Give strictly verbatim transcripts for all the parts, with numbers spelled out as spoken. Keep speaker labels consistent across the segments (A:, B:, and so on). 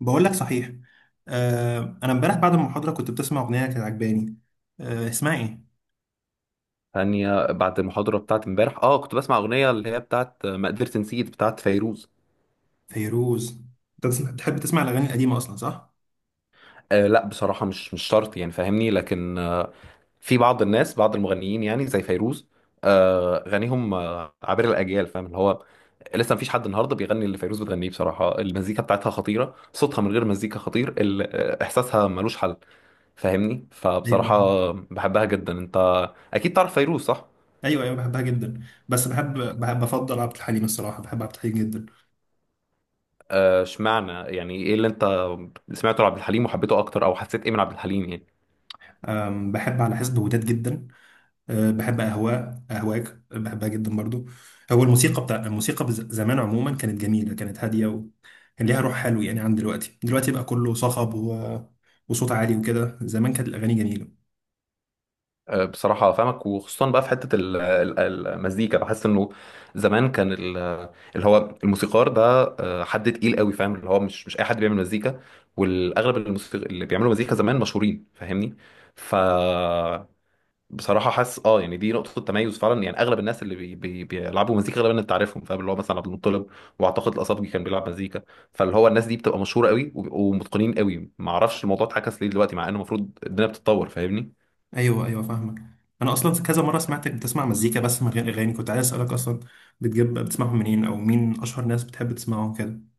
A: بقول لك صحيح. آه انا امبارح بعد المحاضره كنت بتسمع اغنيه كانت عجباني. آه اسمها ايه؟
B: ثانية بعد المحاضرة بتاعت امبارح اه كنت بسمع أغنية اللي هي بتاعت آه، ما قدرت نسيت، بتاعت فيروز.
A: فيروز. انت بتسمع- بتحب تسمع الاغاني القديمه اصلا، صح؟
B: آه لا، بصراحة مش مش شرط يعني، فاهمني، لكن آه في بعض الناس، بعض المغنيين يعني زي فيروز، آه غنيهم آه عبر الأجيال، فاهم اللي هو لسه مفيش حد النهارده بيغني اللي فيروز بتغنيه. بصراحة المزيكا بتاعتها خطيرة، صوتها من غير مزيكا خطير، ال- آه، إحساسها ملوش حل. فاهمني،
A: ايوه، ايوه.
B: فبصراحة بحبها جدا. انت أكيد تعرف فيروز صح؟
A: ايوه، أيوة، بحبها جدا. بس بحب، بحب بفضل عبد الحليم، الصراحه بحب عبد الحليم جدا.
B: آه، اشمعنى، يعني ايه اللي انت سمعته لعبد الحليم وحبيته اكتر، او حسيت ايه من عبد الحليم يعني.
A: آم، بحب على حسب وداد جدا. آه بحب اهواء اهواك بحبها جدا برضو. هو الموسيقى بتاع الموسيقى بز- زمان عموما كانت جميله، كانت هاديه وكان ليها روح حلو يعني، عن دلوقتي. دلوقتي بقى كله صخب و... وصوت عالي وكده. زمان كانت الاغاني جميله.
B: آه، بصراحة فاهمك، وخصوصا بقى في حتة ال- ال- المزيكا، بحس انه زمان كان ال- اللي هو الموسيقار ده آه، حد تقيل قوي، فاهم اللي هو مش مش اي حد بيعمل مزيكا. والاغلب الموسيقى اللي بيعملوا مزيكا زمان مشهورين، فاهمني. ف بصراحه حاسس، اه يعني دي نقطه تميز فعلا، يعني اغلب الناس اللي بي بي بيلعبوا مزيكا غالبا انت عارفهم، فاهم اللي هو مثلا عبد المطلب، واعتقد الاصابجي كان بيلعب مزيكا. فاللي هو الناس دي بتبقى مشهوره قوي وبيبقوا متقنين قوي، ما اعرفش الموضوع اتعكس ليه دلوقتي مع انه المفروض الدنيا بتتطور، فاهمني.
A: ايوه، ايوه، فاهمك. انا اصلا كذا مره سمعتك بتسمع مزيكا بس من غير اغاني، كنت عايز اسالك اصلا بتجيب بتسمعهم منين، او مين اشهر ناس بتحب تسمعهم كده؟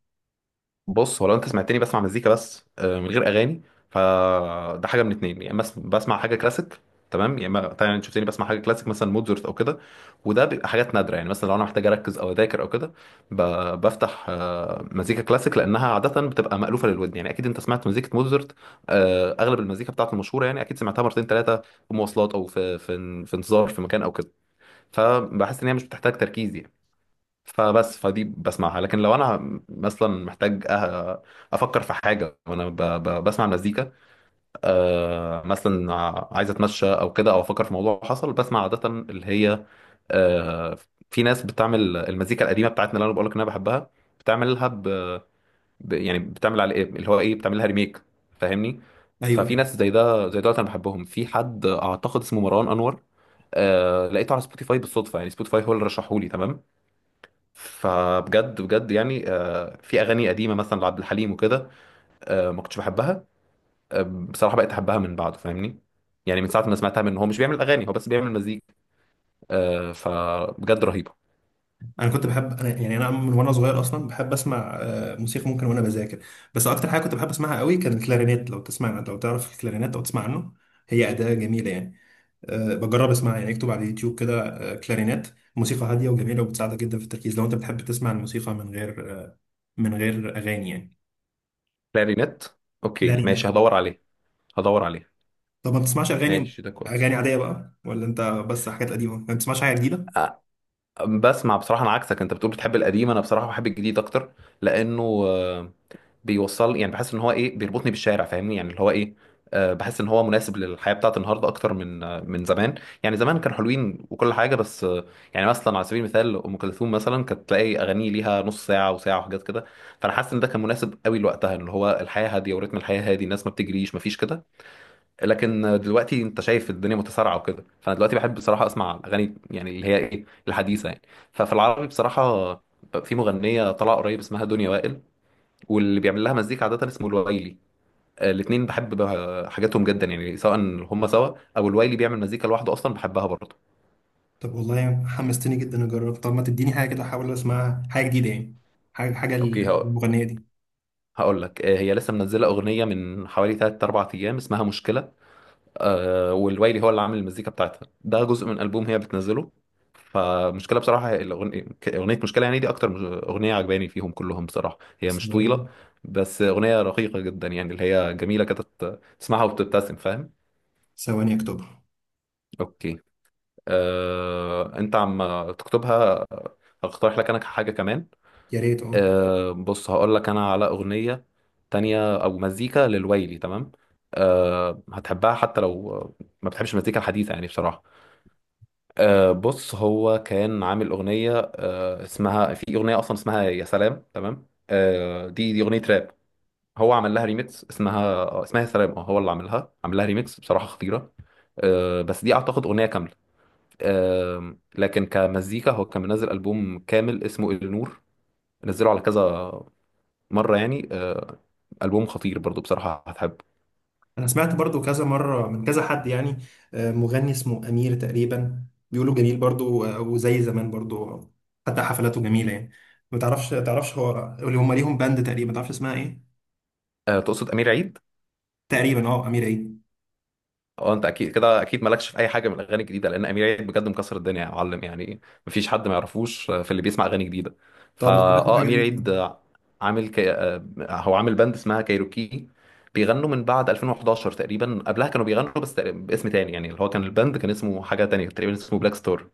B: بص، هو لو انت سمعتني بسمع مزيكا بس آه، من غير اغاني، فده حاجه من اتنين: يا اما بس- بسمع حاجه كلاسيك، تمام، يا اما طبعا انت شفتني بسمع حاجه كلاسيك مثلا موزارت او كده. وده بيبقى حاجات نادره، يعني مثلا لو انا محتاج اركز او اذاكر او كده، ب- بفتح آه، مزيكا كلاسيك لانها عاده بتبقى مالوفه للودن، يعني اكيد انت سمعت مزيكه موزارت. آه، اغلب المزيكا بتاعته المشهوره، يعني اكيد سمعتها مرتين ثلاثه في مواصلات، او في في في انتظار في مكان او كده. فبحس ان هي مش بتحتاج تركيز يعني، فبس فدي بسمعها. لكن لو انا مثلا محتاج أه- افكر في حاجه وانا ب- ب- بسمع مزيكا، أه، مثلا عايز اتمشى او كده، او افكر في موضوع حصل، بسمع عاده اللي هي آه، في ناس بتعمل المزيكا القديمه بتاعتنا اللي انا بقول لك ان انا بحبها، بتعملها ب... ب... يعني بتعمل على ايه اللي هو ايه، بتعملها ريميك، فاهمني.
A: ايوه
B: ففي
A: أيوة.
B: ناس زي ده زي دولت انا بحبهم، في حد اعتقد اسمه مروان انور. آه... لقيته على سبوتيفاي بالصدفه، يعني سبوتيفاي هو اللي رشحه لي، تمام. فبجد بجد يعني، آه، في اغاني قديمه مثلا لعبد الحليم وكده، آه، ما كنتش بحبها، آه، بصراحه بقيت احبها من بعده، فاهمني، يعني من ساعه ما سمعتها منه. هو مش بيعمل اغاني، هو بس بيعمل مزيكا، آه، فبجد رهيبه.
A: انا كنت بحب، انا يعني انا من وانا صغير اصلا بحب اسمع، آه، موسيقى، ممكن وانا بذاكر. بس اكتر حاجه كنت بحب اسمعها قوي كان الكلارينيت، لو تسمع، لو تعرف الكلارينيت او تسمع عنه. هي اداه جميله يعني. أه بجرب اسمعها، يعني اكتب على اليوتيوب كده أه كلارينيت، موسيقى هاديه وجميله وبتساعدك جدا في التركيز، لو انت بتحب تسمع الموسيقى من غير آه، من غير اغاني يعني.
B: كلارينيت، اوكي
A: كلارينيت.
B: ماشي، هدور عليه. هدور عليه.
A: طب ما بتسمعش اغاني،
B: ماشي ده كويس.
A: اغاني عاديه بقى، ولا انت بس حاجات قديمه ما بتسمعش حاجه جديده؟
B: آه، بسمع بصراحه، انا عكسك، انت بتقول بتحب القديم، انا بصراحه بحب الجديد اكتر، لانه آه، بيوصل يعني، بحس ان هو ايه بيربطني بالشارع، فاهمني، يعني اللي هو ايه. آه، بحس ان هو مناسب للحياه بتاعت النهارده اكتر من آه، من زمان. يعني زمان كانوا حلوين وكل حاجه، بس آه، يعني مثلا على سبيل المثال ام كلثوم مثلا كانت تلاقي اغاني ليها نص ساعه وساعه وحاجات كده. فانا حاسس ان ده كان مناسب قوي لوقتها، اللي هو الحياه هاديه ورتم الحياه هادي، الناس ما بتجريش، ما فيش كده. لكن آه، دلوقتي انت شايف الدنيا متسارعه وكده، فانا دلوقتي بحب بصراحه اسمع الاغاني يعني اللي هي ايه الحديثه يعني. ففي العربي بصراحه، في مغنيه طالعه قريب اسمها دنيا وائل، واللي بيعمل لها مزيكا عادة اسمه الوايلي. آه، الاتنين بحب ب- حاجاتهم جدا، يعني سواء هم سوا او الوايلي بيعمل مزيكا لوحده، اصلا بحبها برضه.
A: طب والله حمستني جدا اجرب. طب ما تديني حاجه كده احاول اسمعها، حاجه جديده يعني. حاجه، حاجه
B: اوكي، هقول
A: المغنيه دي.
B: هقول لك، آه، هي لسه منزله اغنيه من حوالي ثلاثة أربعة ايام اسمها مشكله، آه، والوايلي هو اللي عامل المزيكا بتاعتها، ده جزء من البوم هي بتنزله. فمشكله بصراحه، هي الأغن- ك- اغنيه مشكله يعني، دي اكتر مش- اغنيه عجباني فيهم كلهم. بصراحه هي مش
A: ثواني،
B: طويله، بس اغنيه رقيقه جدا يعني، اللي هي جميله كده، تسمعها وبتبتسم، فاهم.
A: ثواني اكتبها.
B: اوكي، آه، انت عم تكتبها. هقترح لك انا حاجه كمان،
A: يا ريت اه.
B: آه، بص، هقول لك انا على اغنيه تانية او مزيكا للويلي، تمام، آه، هتحبها حتى لو ما بتحبش المزيكا الحديثه يعني بصراحه. آه، بص، هو كان عامل اغنيه، آه، اسمها، في اغنيه اصلا اسمها يا سلام، تمام. آه، دي دي اغنيه راب، هو عمل لها ريميكس، اسمها اسمها يا سلام. اه هو اللي عملها، عمل لها ريميكس بصراحه خطيره. آه، بس دي اعتقد اغنيه كامله. آم، لكن كمزيكا هو كان منزل ألبوم كامل اسمه النور، نزله على كذا مرة يعني، آه، ألبوم خطير برضو بصراحة، هتحب.
A: انا سمعت برضو كذا مره من كذا حد يعني، آه، مغني اسمه امير تقريبا. بيقولوا جميل برضو، آه، وزي زمان برضو، آه، حتى حفلاته جميله يعني. ما تعرفش، تعرفش هو اللي هم ليهم باند تقريبا، ما تعرفش اسمها ايه؟
B: آه، تقصد أمير عيد؟
A: تقريبا اه، امير ايه؟
B: اه، انت اكيد كده، اكيد مالكش في اي حاجه من الاغاني الجديده، لان امير عيد بجد مكسر الدنيا يا معلم يعني، مفيش حد ما يعرفوش آه، في اللي بيسمع اغاني جديده. فا
A: طب اقترح لي
B: اه
A: حاجه
B: امير
A: ليك.
B: عيد آه، عامل كي... آه، هو عامل باند اسمها كايروكي، بيغنوا من بعد ألفين وحداشر تقريبا، قبلها كانوا بيغنوا بس تقريباً باسم تاني، يعني اللي هو كان الباند كان اسمه حاجه تانية تقريبا اسمه بلاك ستار.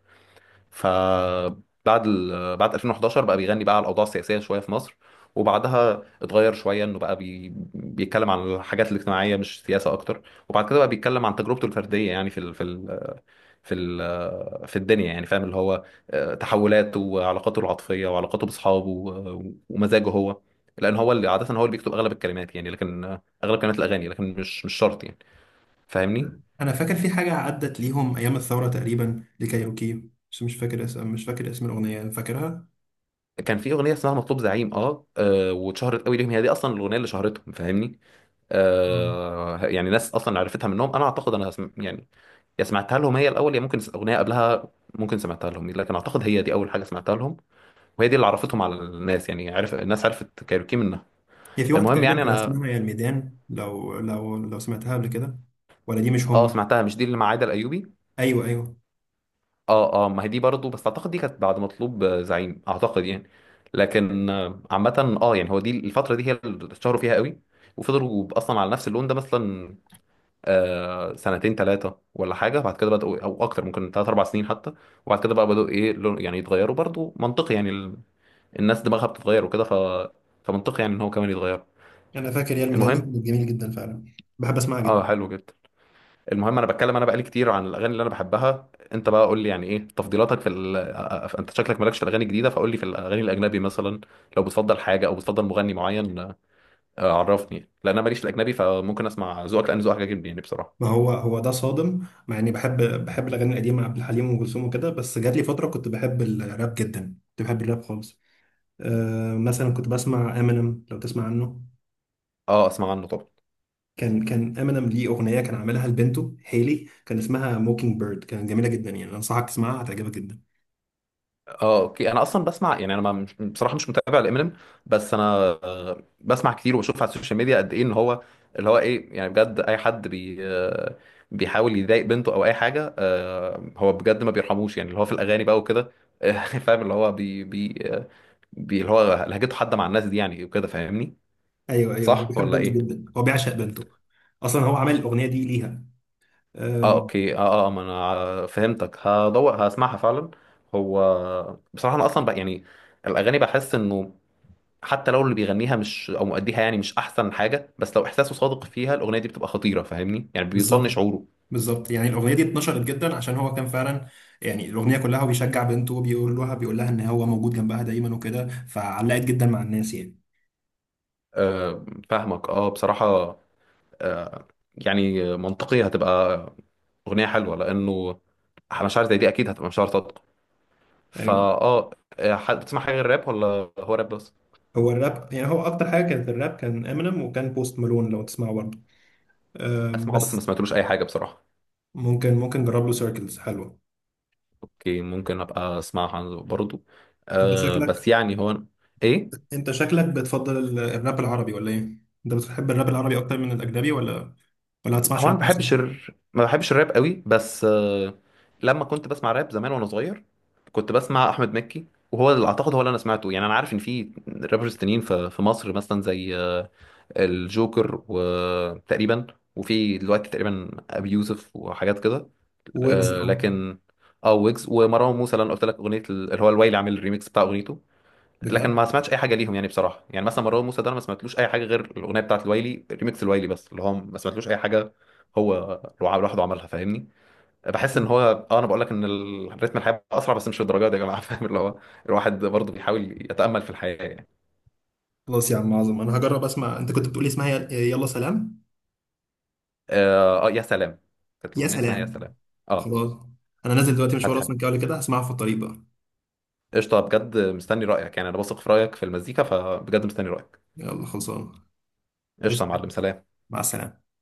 B: فبعد ال... بعد ألفين وحداشر بقى بيغني بقى على الاوضاع السياسيه شويه في مصر، وبعدها اتغير شويه انه بقى بي... بيتكلم عن الحاجات الاجتماعيه مش سياسه اكتر، وبعد كده بقى بيتكلم عن تجربته الفرديه يعني في ال... في ال... في ال... في الدنيا، يعني فاهم اللي هو، آه، تحولاته وعلاقاته العاطفيه وعلاقاته باصحابه و- ومزاجه هو، لان هو اللي عاده هو اللي بيكتب اغلب الكلمات يعني، لكن آه، اغلب كلمات الاغاني، لكن مش مش شرط يعني، فاهمني.
A: انا فاكر في حاجه عدت ليهم ايام الثوره تقريبا لكايروكي، بس مش فاكر اسم، مش فاكر اسم الاغنيه، فاكرها.
B: كان في اغنيه اسمها مطلوب زعيم، اه, آه واتشهرت قوي ليهم، هي دي اصلا الاغنيه اللي شهرتهم، فاهمني.
A: آه.
B: آه، يعني ناس اصلا عرفتها منهم، انا اعتقد انا سم... يعني، يا سمعتها لهم هي الاول، يا ممكن س- اغنيه قبلها. ممكن سمعتها لهم، لكن اعتقد هي دي اول حاجه سمعتها لهم، وهي دي اللي عرفتهم على الناس يعني، عرف الناس، عرفت كايروكي منها.
A: هي في واحده
B: المهم
A: تقريبا
B: يعني
A: كان
B: انا.
A: اسمها يا الميدان، لو لو لو سمعتها قبل كده، ولا دي مش
B: اه،
A: هم؟
B: سمعتها، مش دي اللي مع عايده الايوبي.
A: ايوه ايوه،
B: اه، اه، ما هي دي برضه، بس اعتقد دي كانت بعد مطلوب آه، زعيم اعتقد يعني. لكن آه، عامه، اه يعني هو دي الفتره دي هي اللي اتشهروا فيها قوي، وفضلوا اصلا على نفس اللون ده مثلا آه، سنتين ثلاثة ولا حاجة، بعد كده بدأوا، أو أكتر ممكن ثلاث أربع سنين حتى. وبعد كده بقى بدأوا إيه، لون- يعني يتغيروا، برضو منطقي يعني، ال... الناس دماغها بتتغير وكده، ف... فمنطقي يعني إن هو كمان يتغير.
A: انا فاكر يا الميدان دي
B: المهم.
A: كانت جميل جدا فعلا، بحب اسمعها
B: أه،
A: جدا.
B: حلو جدا. المهم، أنا بتكلم أنا بقالي كتير عن الأغاني اللي أنا بحبها، أنت بقى قول لي يعني إيه تفضيلاتك في ال... آه، آه، أنت شكلك مالكش في الأغاني الجديدة، فقول لي في الأغاني الأجنبي مثلا، لو بتفضل حاجة أو بتفضل مغني معين. آه، عرفني، لأن أنا ماليش في الأجنبي، فممكن أسمع ذوقك لأن ذوقك عاجبني يعني
A: ما
B: بصراحة.
A: هو هو ده صادم، مع اني بحب، بحب الاغاني القديمه، عبد الحليم وام كلثوم وكده، بس جات لي فتره كنت بحب الراب جدا، كنت بحب الراب خالص. أه مثلا كنت بسمع امينيم، لو تسمع عنه.
B: أه، أسمع عنه طبعا.
A: كان كان امينيم ليه اغنيه كان عاملها لبنته هيلي، كان اسمها موكينج بيرد، كانت جميله جدا يعني، انصحك تسمعها هتعجبك جدا.
B: اه، اوكي، انا اصلا بسمع يعني، انا ما مش بصراحه مش متابع لامينيم، بس انا آه، بسمع كتير وبشوف على السوشيال ميديا قد ايه ان هو اللي هو ايه يعني، بجد اي حد بي آه، بيحاول يضايق بنته او اي حاجه، آه، هو بجد ما بيرحموش يعني، اللي هو في الاغاني بقى وكده. آه، فاهم اللي هو بي بي آه، بي اللي هو لهجته حاده مع الناس دي يعني وكده، فاهمني.
A: ايوه ايوه، هو
B: صح
A: بيحب
B: ولا
A: بنته
B: ايه؟
A: جدا، هو بيعشق بنته، اصلا هو عمل الاغنيه دي ليها.
B: اه،
A: أم،
B: اوكي، اه، اه، ما انا فهمتك، هدور هسمعها فعلا. هو بصراحه انا اصلا بقى يعني الاغاني بحس انه، حتى لو اللي بيغنيها مش، او مؤديها يعني مش احسن حاجه، بس لو احساسه صادق فيها، الاغنيه دي بتبقى خطيره، فاهمني، يعني بيوصلني
A: بالظبط،
B: شعوره.
A: بالظبط. يعني الاغنيه دي اتنشرت جدا عشان هو كان فعلا، يعني الاغنيه كلها هو بيشجع بنته، بيقول لها، بيقول لها ان هو موجود جنبها دايما وكده، فعلقت جدا مع الناس يعني.
B: آه فاهمك، اه بصراحه. آه يعني منطقيه، هتبقى اغنيه حلوه، لانه مشاعر زي دي اكيد هتبقى مشاعر صادقه.
A: ايوه.
B: فاه آه، آه، حد بتسمع حاجه غير الراب، ولا هو راب بس؟
A: هو الراب، يعني هو اكتر حاجه كانت الراب، كان امينيم وكان بوست مالون لو تسمعه برضه. أم،
B: اسمعه، بس ما
A: بس
B: سمعتلوش اي حاجه بصراحه.
A: ممكن، ممكن جرب له سيركلز، حلوه.
B: اوكي، ممكن ابقى اسمعها برضو.
A: انت
B: آه
A: شكلك،
B: بس يعني، هو ايه.
A: انت شكلك بتفضل ال- الراب العربي ولا ايه؟ انت بتحب الراب العربي اكتر من الاجنبي، ولا ولا ما
B: هو
A: تسمعش
B: انا ما
A: راب
B: بحبش
A: اصلا؟
B: الر... ما بحبش الراب قوي، بس آه، لما كنت بسمع راب زمان وانا صغير كنت بسمع احمد مكي، وهو اللي اعتقد هو اللي انا سمعته يعني، انا عارف ان في رابرز تانيين في في مصر مثلا زي آه، الجوكر وتقريبا، وفي دلوقتي تقريبا ابي يوسف وحاجات كده.
A: ويجز
B: آه،
A: اه.
B: لكن اه، ويجز ومروان موسى، اللي انا قلت لك اغنيه ال- اللي هو الويلي عامل الريميكس بتاع اغنيته. لكن
A: بجد.
B: ما سمعتش اي حاجه ليهم يعني بصراحه، يعني مثلا مروان موسى ده انا ما سمعتلوش اي حاجه غير الاغنيه بتاعت الويلي، ريميكس الويلي بس، اللي هو ما سمعتلوش اي حاجه. هو لوع- لوحده عملها، فاهمني. بحس ان هو، اه، انا بقول لك ان ال- رتم الحياه اسرع، بس مش للدرجه دي يا جماعه. فاهم اللي هو الواحد برضه بيحاول يتامل في الحياه يعني.
A: خلاص يا عم عظم، انا هجرب اسمع. انت كنت بتقولي اسمها يل- يلا سلام،
B: اه، آه، يا سلام. كانت
A: يا
B: الاغنيه اسمها يا
A: سلام.
B: سلام. اه،
A: خلاص. انا نازل دلوقتي مشوار
B: هتحب.
A: اصلا، كده ولا كده هسمعها في الطريق بقى.
B: قشطه، بجد مستني رايك يعني، انا بثق في رايك في المزيكا، فبجد مستني رايك.
A: يلا، خلصان.
B: قشطه يا
A: قشطة.
B: معلم، سلام.
A: مع السلامة.